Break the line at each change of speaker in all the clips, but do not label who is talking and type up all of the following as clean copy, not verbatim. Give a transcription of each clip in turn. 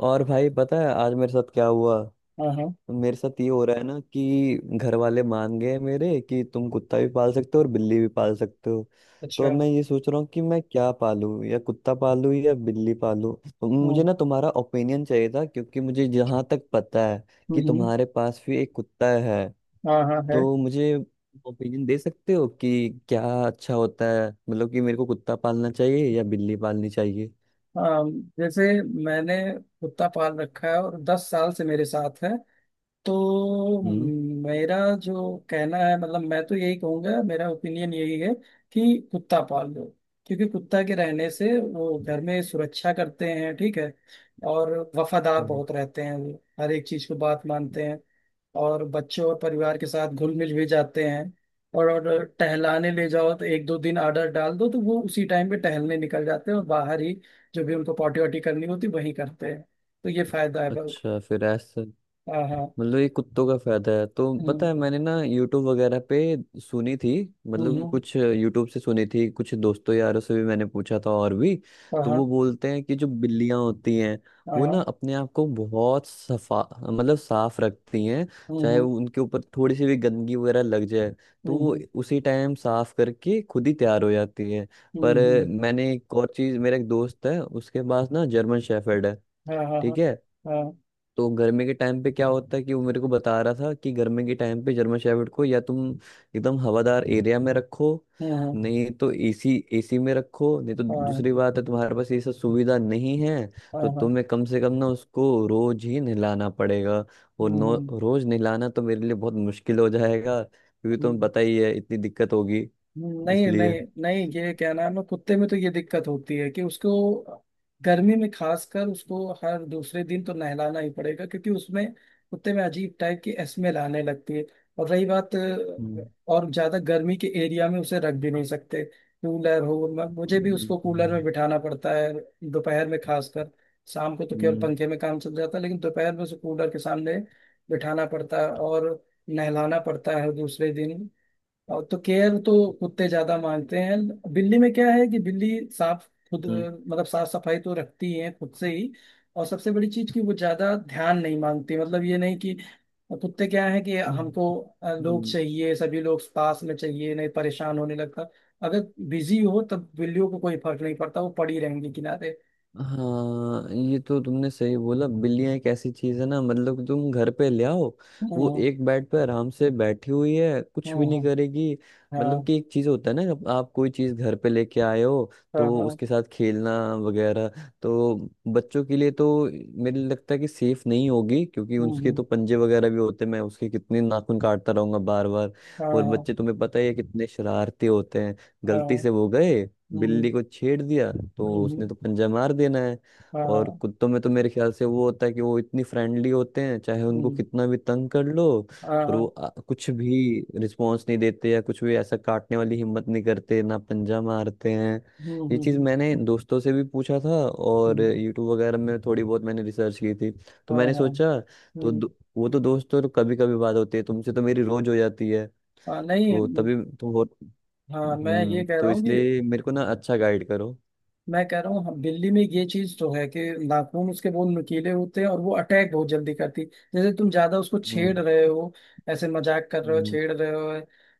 और भाई पता है आज मेरे साथ क्या हुआ।
हाँ हाँ।
मेरे साथ ये हो रहा है ना कि घर वाले मान गए मेरे कि तुम कुत्ता भी पाल सकते हो और बिल्ली भी पाल सकते हो। तो अब
अच्छा।
मैं ये सोच रहा हूँ कि मैं क्या पालूं या कुत्ता पालूं या बिल्ली पालूं। तो मुझे
हम्म,
ना तुम्हारा ओपिनियन चाहिए था क्योंकि मुझे जहाँ तक पता है कि
हम्म।
तुम्हारे पास भी एक कुत्ता है।
हाँ हाँ है।
तो मुझे ओपिनियन दे सकते हो कि क्या अच्छा होता है मतलब कि मेरे को कुत्ता पालना चाहिए या बिल्ली पालनी चाहिए।
अम, जैसे मैंने कुत्ता पाल रखा है और 10 साल से मेरे साथ है। तो
हम्म,
मेरा जो कहना है, मतलब मैं तो यही कहूंगा, मेरा ओपिनियन यही है कि कुत्ता पाल लो। क्योंकि कुत्ता के रहने से वो घर में सुरक्षा करते हैं, ठीक है। और वफादार
हम्म।
बहुत रहते हैं वो, हर एक चीज को बात मानते हैं। और बच्चों और परिवार के साथ घुल मिल भी जाते हैं। और टहलाने ले जाओ तो एक दो दिन आर्डर डाल दो तो वो उसी टाइम पे टहलने निकल जाते हैं, और बाहर ही जो भी उनको पॉटी वॉटी करनी होती वहीं करते हैं। तो ये फायदा है बहुत।
अच्छा फिर ऐसा।
हाँ हाँ।
मतलब ये कुत्तों का फायदा है तो पता
हम्म।
है मैंने ना यूट्यूब वगैरह पे सुनी थी। मतलब कि
हम्म।
कुछ यूट्यूब से सुनी थी कुछ दोस्तों यारों से भी मैंने पूछा था और भी।
हाँ
तो
हाँ
वो बोलते हैं कि जो बिल्लियां होती हैं वो ना
हाँ।
अपने आप को बहुत सफा मतलब साफ रखती हैं। चाहे
हम्म
वो उनके ऊपर थोड़ी सी भी गंदगी वगैरह लग जाए तो वो
हम्म
उसी टाइम साफ करके खुद ही तैयार हो जाती है। पर
हम्म।
मैंने एक और चीज मेरा एक दोस्त है उसके पास ना जर्मन शेफर्ड है।
हाँ हाँ
ठीक है।
हाँ
तो गर्मी के टाइम पे क्या होता है कि वो मेरे को बता रहा था कि गर्मी के टाइम पे जर्मन शेफर्ड को या तुम एकदम हवादार एरिया में रखो।
हाँ
नहीं तो एसी एसी में रखो नहीं तो
हाँ
दूसरी बात है तुम्हारे पास ये सब सुविधा नहीं है।
हाँ
तो
हाँ।
तुम्हें कम से कम ना उसको रोज ही नहलाना पड़ेगा और नो
हम्म।
रोज नहलाना तो मेरे लिए बहुत मुश्किल हो जाएगा क्योंकि तुम्हें पता ही है इतनी दिक्कत होगी।
नहीं
इसलिए।
नहीं नहीं, ये क्या नाम है, कुत्ते में तो ये दिक्कत होती है कि उसको गर्मी में, खासकर उसको हर दूसरे दिन तो नहलाना ही पड़ेगा क्योंकि उसमें, कुत्ते में अजीब टाइप की स्मेल आने लगती है। और रही बात,
हम्म,
और ज्यादा गर्मी के एरिया में उसे रख भी नहीं सकते। कूलर हो, मुझे भी उसको कूलर में
हम्म,
बिठाना पड़ता है, दोपहर में खासकर। शाम को तो
हम्म,
केवल
हम्म,
पंखे में काम चल जाता है, लेकिन दोपहर में उसे कूलर के सामने बिठाना पड़ता है, और नहलाना पड़ता है दूसरे दिन। और तो केयर तो कुत्ते ज्यादा मानते हैं। बिल्ली में क्या है कि बिल्ली साफ, खुद
हम्म,
मतलब साफ सफाई तो रखती है खुद से ही। और सबसे बड़ी चीज कि वो ज्यादा ध्यान नहीं मांगती, मतलब ये नहीं कि कुत्ते क्या है कि
हम्म,
हमको लोग
हम्म।
चाहिए, सभी लोग पास में चाहिए, नहीं परेशान होने लगता। अगर बिजी हो तब बिल्लियों को कोई फर्क नहीं पड़ता, वो पड़ी रहेंगी किनारे।
हाँ ये तो तुमने सही बोला बिल्लियां एक ऐसी चीज है ना मतलब तुम घर पे ले आओ वो
हम्म
एक बेड पे आराम से बैठी हुई है कुछ भी नहीं
हम्म।
करेगी। मतलब
हाँ
कि एक चीज होता है ना जब आप कोई चीज घर पे लेके आए हो
हाँ
तो
हाँ।
उसके साथ खेलना वगैरह। तो बच्चों के लिए तो मेरे लिए लगता है कि सेफ नहीं होगी क्योंकि उसके तो
हम्म।
पंजे वगैरह भी होते हैं मैं उसके कितने नाखून काटता रहूंगा बार बार।
हाँ
और
हाँ
बच्चे तुम्हें पता ही है कितने शरारती होते हैं
हाँ।
गलती से वो गए
हम्म
बिल्ली को छेड़ दिया तो उसने
हम्म।
तो पंजा मार देना है। और
हाँ।
कुत्तों में तो मेरे ख्याल से वो होता है कि वो इतनी फ्रेंडली होते हैं चाहे उनको
हम्म।
कितना भी तंग कर लो पर वो
हाँ।
कुछ भी रिस्पॉन्स नहीं देते या कुछ भी ऐसा काटने वाली हिम्मत नहीं करते ना पंजा मारते हैं।
हम्म
ये
हम्म,
चीज़
हम्म।
मैंने दोस्तों से भी पूछा था और
हम्म,
यूट्यूब वगैरह में थोड़ी बहुत मैंने रिसर्च की थी। तो
हाँ
मैंने
हाँ।
सोचा तो
हम्म,
दो- वो तो दोस्तों कभी कभी बात होती है तुमसे तो मेरी रोज हो जाती है
हाँ नहीं
तो
हम्म।
तभी तो हो।
हाँ मैं
हम्म।
ये कह
तो
रहा हूँ कि,
इसलिए मेरे को ना अच्छा गाइड करो।
मैं कह रहा हूँ, हम दिल्ली में ये चीज तो है कि नाखून उसके बहुत नुकीले होते हैं और वो अटैक बहुत जल्दी करती, जैसे तुम ज्यादा उसको
हम्म,
छेड़ रहे हो, ऐसे मजाक कर रहे हो,
हम्म,
छेड़ रहे हो।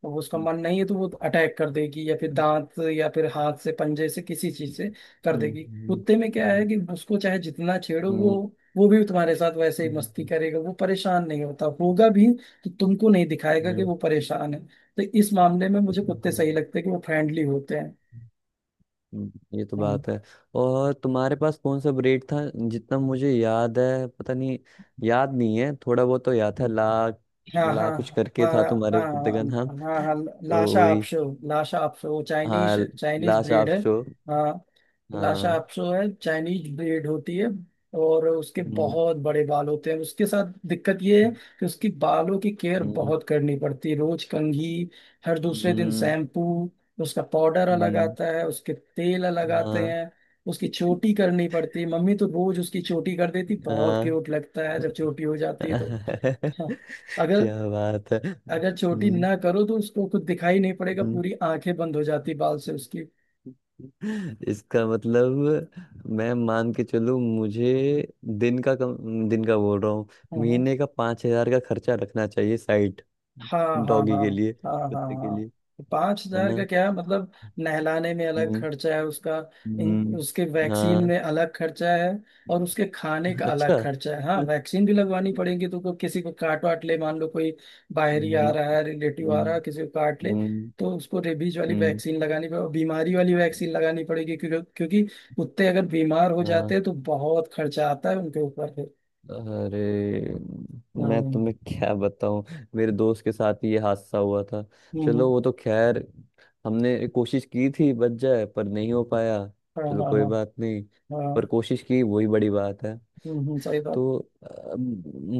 अब उसका
हम्म,
मन नहीं है तो वो अटैक कर देगी, या फिर दांत, या फिर हाथ से, पंजे से, किसी चीज से कर
हम्म,
देगी।
हम्म,
कुत्ते में क्या है
हम्म,
कि उसको चाहे जितना छेड़ो,
हम्म,
वो भी तुम्हारे साथ वैसे ही मस्ती करेगा, वो परेशान नहीं होता, होगा भी तो तुमको नहीं दिखाएगा कि
हम्म,
वो परेशान है। तो इस मामले में मुझे कुत्ते सही
हम्म,
लगते हैं कि वो फ्रेंडली होते
हम्म। ये तो
हैं।
बात है। और तुम्हारे पास कौन सा ब्रेड था जितना मुझे याद है पता नहीं याद नहीं है थोड़ा बहुत तो याद था ला
हाँ हाँ
ला कुछ करके
हाँ
था
हाँ
तुम्हारे कुत्ते का नाम।
हाँ हाँ हाँ।
तो
लाशा
वही
आपशो, लाशा आपशो वो
हाँ
चाइनीज चाइनीज
ला
ब्रीड
शाप
है।
शो
हाँ लाशा
हाँ।
आपशो है, चाइनीज ब्रीड होती है। और उसके
हम्म,
बहुत बड़े बाल होते हैं, उसके साथ दिक्कत ये है कि उसकी बालों की केयर
हम्म,
बहुत करनी पड़ती है, रोज कंघी, हर दूसरे दिन
हम्म,
शैम्पू, उसका पाउडर अलग
हम्म,
आता है, उसके तेल अलग आते
हाँ
हैं। उसकी चोटी करनी पड़ती है, मम्मी तो रोज उसकी चोटी कर देती, बहुत
हाँ।
क्यूट लगता है जब चोटी हो जाती है तो। हाँ। अगर
क्या बात है
अगर छोटी ना करो तो उसको कुछ दिखाई नहीं पड़ेगा,
हम्म।
पूरी आंखें बंद हो जाती बाल से उसकी।
हम्म। इसका मतलब मैं मान के चलूं मुझे दिन का बोल रहा हूँ
हाँ
महीने का 5,000 का खर्चा रखना चाहिए साइड
हाँ हाँ
डॉगी
हाँ
के लिए
हाँ हाँ
कुत्ते के
हाँ।
लिए
पांच
है
हजार का
ना।
क्या मतलब। नहलाने में अलग
हम्म,
खर्चा है उसका। इन
हम्म,
उसके वैक्सीन
हाँ
में अलग खर्चा है, और उसके खाने का अलग
अच्छा।
खर्चा है। हाँ वैक्सीन भी लगवानी पड़ेगी, तो किसी को काट वाट ले, मान लो कोई बाहरी आ
हम्म,
रहा है, रिलेटिव आ रहा है,
हम्म,
किसी को काट ले।
हम्म,
तो उसको रेबीज वाली
हम्म,
वैक्सीन लगानी पड़ेगी, बीमारी वाली वैक्सीन लगानी पड़ेगी, क्योंकि क्योंकि कुत्ते अगर बीमार हो जाते
हाँ।
हैं तो बहुत खर्चा आता है उनके ऊपर फिर।
अरे मैं
हम्म
तुम्हें क्या बताऊं मेरे दोस्त के साथ ही ये हादसा हुआ था।
हम्म,
चलो वो तो खैर हमने कोशिश की थी बच जाए पर नहीं हो पाया।
हाँ
चलो
हाँ
कोई
हाँ
बात नहीं पर
हाँ।
कोशिश की वही बड़ी बात है।
सही बात।
तो अब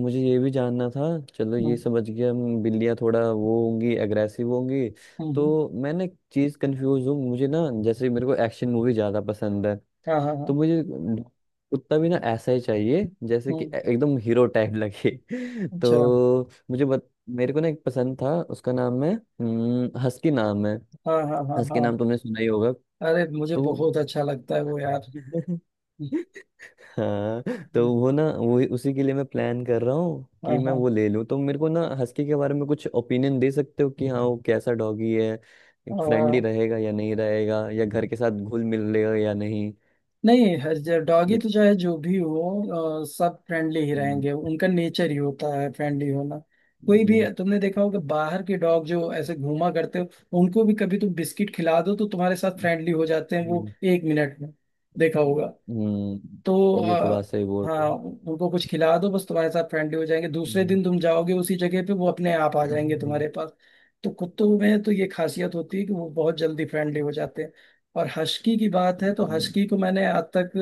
मुझे ये भी जानना था चलो
हम्म,
ये समझ गया हम बिल्लियाँ थोड़ा वो होंगी एग्रेसिव होंगी।
हम्म,
तो मैं ना एक चीज़ कंफ्यूज हूँ मुझे ना जैसे मेरे को एक्शन मूवी ज़्यादा पसंद है।
हाँ हाँ
तो
हाँ।
मुझे कुत्ता भी ना ऐसा ही चाहिए जैसे कि
हम्म,
एकदम हीरो टाइप लगे।
अच्छा।
तो मेरे को ना एक पसंद था उसका नाम है हस्की नाम है।
हाँ हाँ हाँ
हस्की
हाँ।
नाम तुमने सुना ही होगा
अरे मुझे
तो।
बहुत अच्छा लगता है वो यार।
हाँ।
हम्म,
तो वो ना वो उसी के लिए मैं प्लान कर रहा हूँ
हाँ
कि मैं
हाँ
वो ले लूँ तो मेरे को ना हस्की के बारे में कुछ ओपिनियन दे सकते हो कि हाँ वो कैसा डॉगी है फ्रेंडली
हाँ।
रहेगा या नहीं रहेगा या घर के साथ घुल मिल लेगा या नहीं।
नहीं, हर डॉगी
ये
तो चाहे जो भी हो सब फ्रेंडली ही
हम्म,
रहेंगे, उनका नेचर ही होता है फ्रेंडली होना। कोई भी, तुमने देखा होगा बाहर के डॉग जो ऐसे घूमा करते हो, उनको भी कभी तुम बिस्किट खिला दो तो तुम्हारे साथ फ्रेंडली हो जाते हैं वो,
हम्म,
1 मिनट में। देखा होगा। तो
हम्म, ये तो बात सही बोल रहे
हाँ
हो।
उनको कुछ खिला दो बस, तुम्हारे साथ फ्रेंडली हो जाएंगे, दूसरे दिन तुम जाओगे उसी जगह पे, वो अपने आप आ जाएंगे
हम्म।
तुम्हारे पास। तो कुत्तों में तो ये खासियत होती है कि वो बहुत जल्दी फ्रेंडली हो जाते हैं। और हस्की की बात है तो हस्की को मैंने आज तक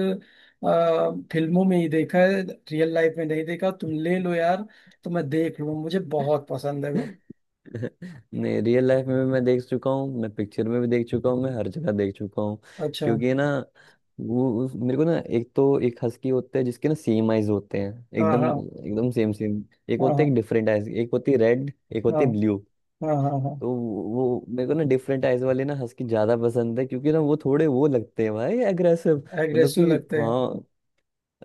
फिल्मों में ही देखा है, रियल लाइफ में नहीं देखा। तुम ले लो यार, तो मैं देख लूँ, मुझे बहुत पसंद है वो।
नहीं रियल लाइफ में भी मैं देख चुका हूँ मैं पिक्चर में भी देख चुका हूँ मैं हर जगह देख चुका हूँ
अच्छा।
क्योंकि ना मेरे को ना एक तो एक हस्की होता है जिसके ना सेम आइज होते हैं
हाँ
एकदम
हाँ
एकदम सेम सेम। एक
हाँ
होते हैं
हाँ
डिफरेंट आइज एक होती है रेड एक
हाँ
होती है ब्लू।
हाँ हाँ।
तो वो मेरे को ना डिफरेंट आइज वाले ना हस्की ज्यादा पसंद है क्योंकि ना वो थोड़े वो लगते हैं भाई अग्रेसिव
हाँ
मतलब
एग्रेसिव
कि
लगते हैं।
हाँ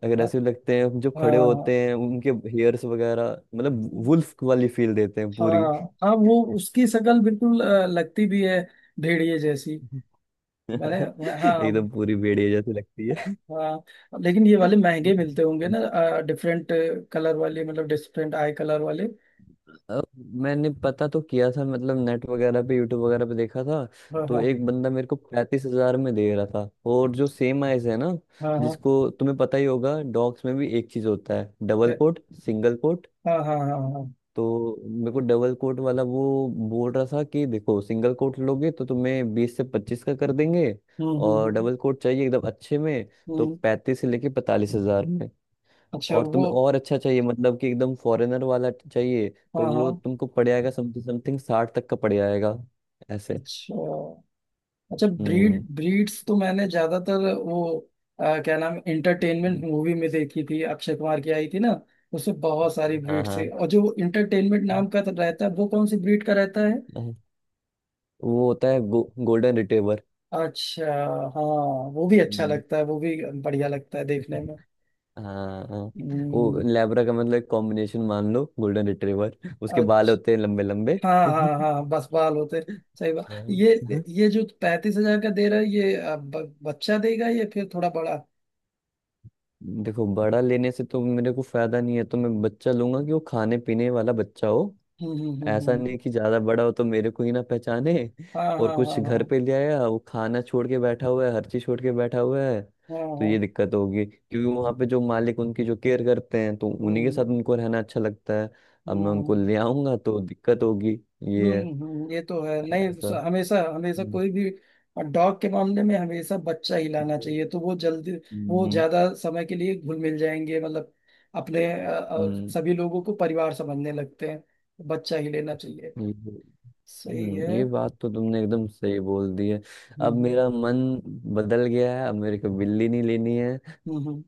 अगर ऐसे लगते हैं जो खड़े
हाँ
होते हैं उनके हेयर्स वगैरह मतलब
हाँ
वुल्फ वाली फील देते हैं
हाँ।
पूरी।
हाँ वो उसकी शक्ल बिल्कुल लगती भी है भेड़िए जैसी। मैंने। हाँ।
एकदम पूरी भेड़िया जैसी लगती है।
हाँ लेकिन ये वाले महंगे मिलते होंगे ना, डिफरेंट कलर वाले, मतलब डिफरेंट आई कलर वाले।
अब मैंने पता तो किया था मतलब नेट वगैरह पे यूट्यूब वगैरह पे देखा था
हाँ
तो
हाँ
एक बंदा मेरे को 35,000 में दे रहा था और जो सेम आइज है ना
हाँ हाँ
जिसको तुम्हें पता ही होगा डॉग्स में भी एक चीज होता है डबल कोट सिंगल कोट।
हाँ हाँ हाँ हाँ हाँ, हाँ।
तो मेरे को डबल कोट वाला वो बोल रहा था कि देखो सिंगल कोट लोगे तो तुम्हें 20 से 25 का कर देंगे
हम्म हम्म
और
हम्म
डबल कोट चाहिए एकदम अच्छे में तो
हम्म।
35 से लेके 45 हजार में
अच्छा
और
वो।
तुम्हें और अच्छा चाहिए मतलब कि एकदम फॉरेनर वाला चाहिए तो
हाँ
वो
हाँ।
तुमको पड़ जाएगा समथिंग समथिंग 60 तक का पड़ जाएगा ऐसे।
अच्छा, अच्छा ब्रीड
हम्म,
ब्रीड्स तो मैंने ज्यादातर वो क्या नाम, इंटरटेनमेंट मूवी में देखी थी, अक्षय कुमार की आई थी ना, उसमें बहुत सारी
हाँ,
ब्रीड्स है,
हाँ,
और जो इंटरटेनमेंट नाम का तो रहता है वो कौन सी ब्रीड का रहता है।
हाँ। वो होता है गोल्डन रिट्रीवर।
अच्छा। हाँ वो भी अच्छा लगता है, वो भी बढ़िया लगता है देखने में।
हाँ वो
हम्म।
लैब्रा का मतलब एक कॉम्बिनेशन मान लो गोल्डन रिट्रीवर उसके बाल होते
अच्छा
हैं लंबे लंबे।
हाँ हाँ हाँ बस बाल होते। सही बात
हाँ,
ये।
हाँ।
ये जो 35 हजार का दे रहा है ये बच्चा देगा या फिर थोड़ा बड़ा।
देखो बड़ा लेने से तो मेरे को फायदा नहीं है तो मैं बच्चा लूंगा कि वो खाने पीने वाला बच्चा हो।
हम्म हम्म हम्म
ऐसा
हम्म।
नहीं कि ज्यादा बड़ा हो तो मेरे को ही ना पहचाने
हाँ हाँ
और
हाँ
कुछ
हाँ
घर
हाँ
पे ले आया वो खाना छोड़ के बैठा हुआ है हर चीज छोड़ के बैठा हुआ है
हाँ हाँ,
तो ये
हाँ।
दिक्कत होगी क्योंकि वहां पे जो मालिक उनकी जो केयर करते हैं तो उन्हीं के साथ
हम्म
उनको रहना अच्छा लगता है अब मैं उनको
हम्म
ले आऊंगा तो दिक्कत होगी। ये है
ये तो है नहीं।
ऐसा।
हमेशा हमेशा
हम्म,
कोई भी डॉग के मामले में हमेशा बच्चा ही लाना
हम्म,
चाहिए, तो वो जल्दी, वो ज्यादा समय के लिए घुल मिल जाएंगे, मतलब अपने
हम्म,
सभी लोगों को परिवार समझने लगते हैं, बच्चा ही लेना चाहिए,
हम्म,
सही है।
ये बात तो तुमने एकदम सही बोल दी है। अब
हम्म हम्म
मेरा मन बदल गया है अब मेरे को बिल्ली नहीं लेनी है
हम्म,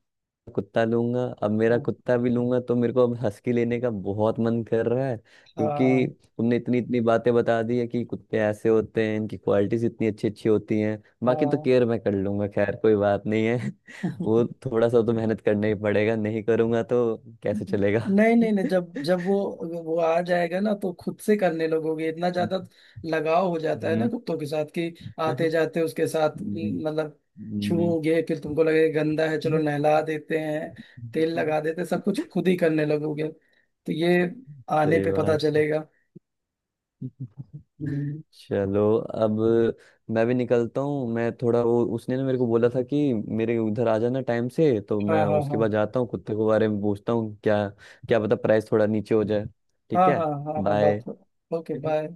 कुत्ता लूंगा अब मेरा
हम्म।
कुत्ता भी लूंगा तो मेरे को अब हस्की लेने का बहुत मन कर रहा है क्योंकि
हाँ
तुमने इतनी इतनी बातें बता दी है कि कुत्ते ऐसे होते हैं इनकी क्वालिटीज इतनी अच्छी अच्छी होती हैं बाकी तो
हाँ
केयर मैं कर लूंगा खैर कोई बात नहीं है।
हाँ
वो थोड़ा सा तो मेहनत करना ही पड़ेगा नहीं करूंगा तो कैसे चलेगा।
नहीं नहीं नहीं, जब जब वो आ जाएगा ना तो खुद से करने लगोगे, इतना ज्यादा लगाव हो जाता है ना
हम्म,
कुत्तों के साथ, कि आते
हम्म,
जाते उसके साथ, मतलब
हम्म,
छूओगे, फिर तुमको लगेगा गंदा है चलो
हम्म,
नहला देते हैं, तेल लगा देते हैं, सब कुछ खुद ही करने लगोगे, तो ये आने
सही
पे पता
बात।
चलेगा। हम्म,
चलो अब मैं भी निकलता हूँ मैं थोड़ा वो उसने ना मेरे को बोला था कि मेरे उधर आ जाना टाइम से तो
हाँ
मैं
हाँ
उसके
हाँ
बाद जाता हूँ कुत्ते के बारे में पूछता हूँ क्या क्या पता प्राइस थोड़ा नीचे हो जाए। ठीक
हाँ हाँ
है।
हाँ हाँ बात।
बाय।
Okay bye.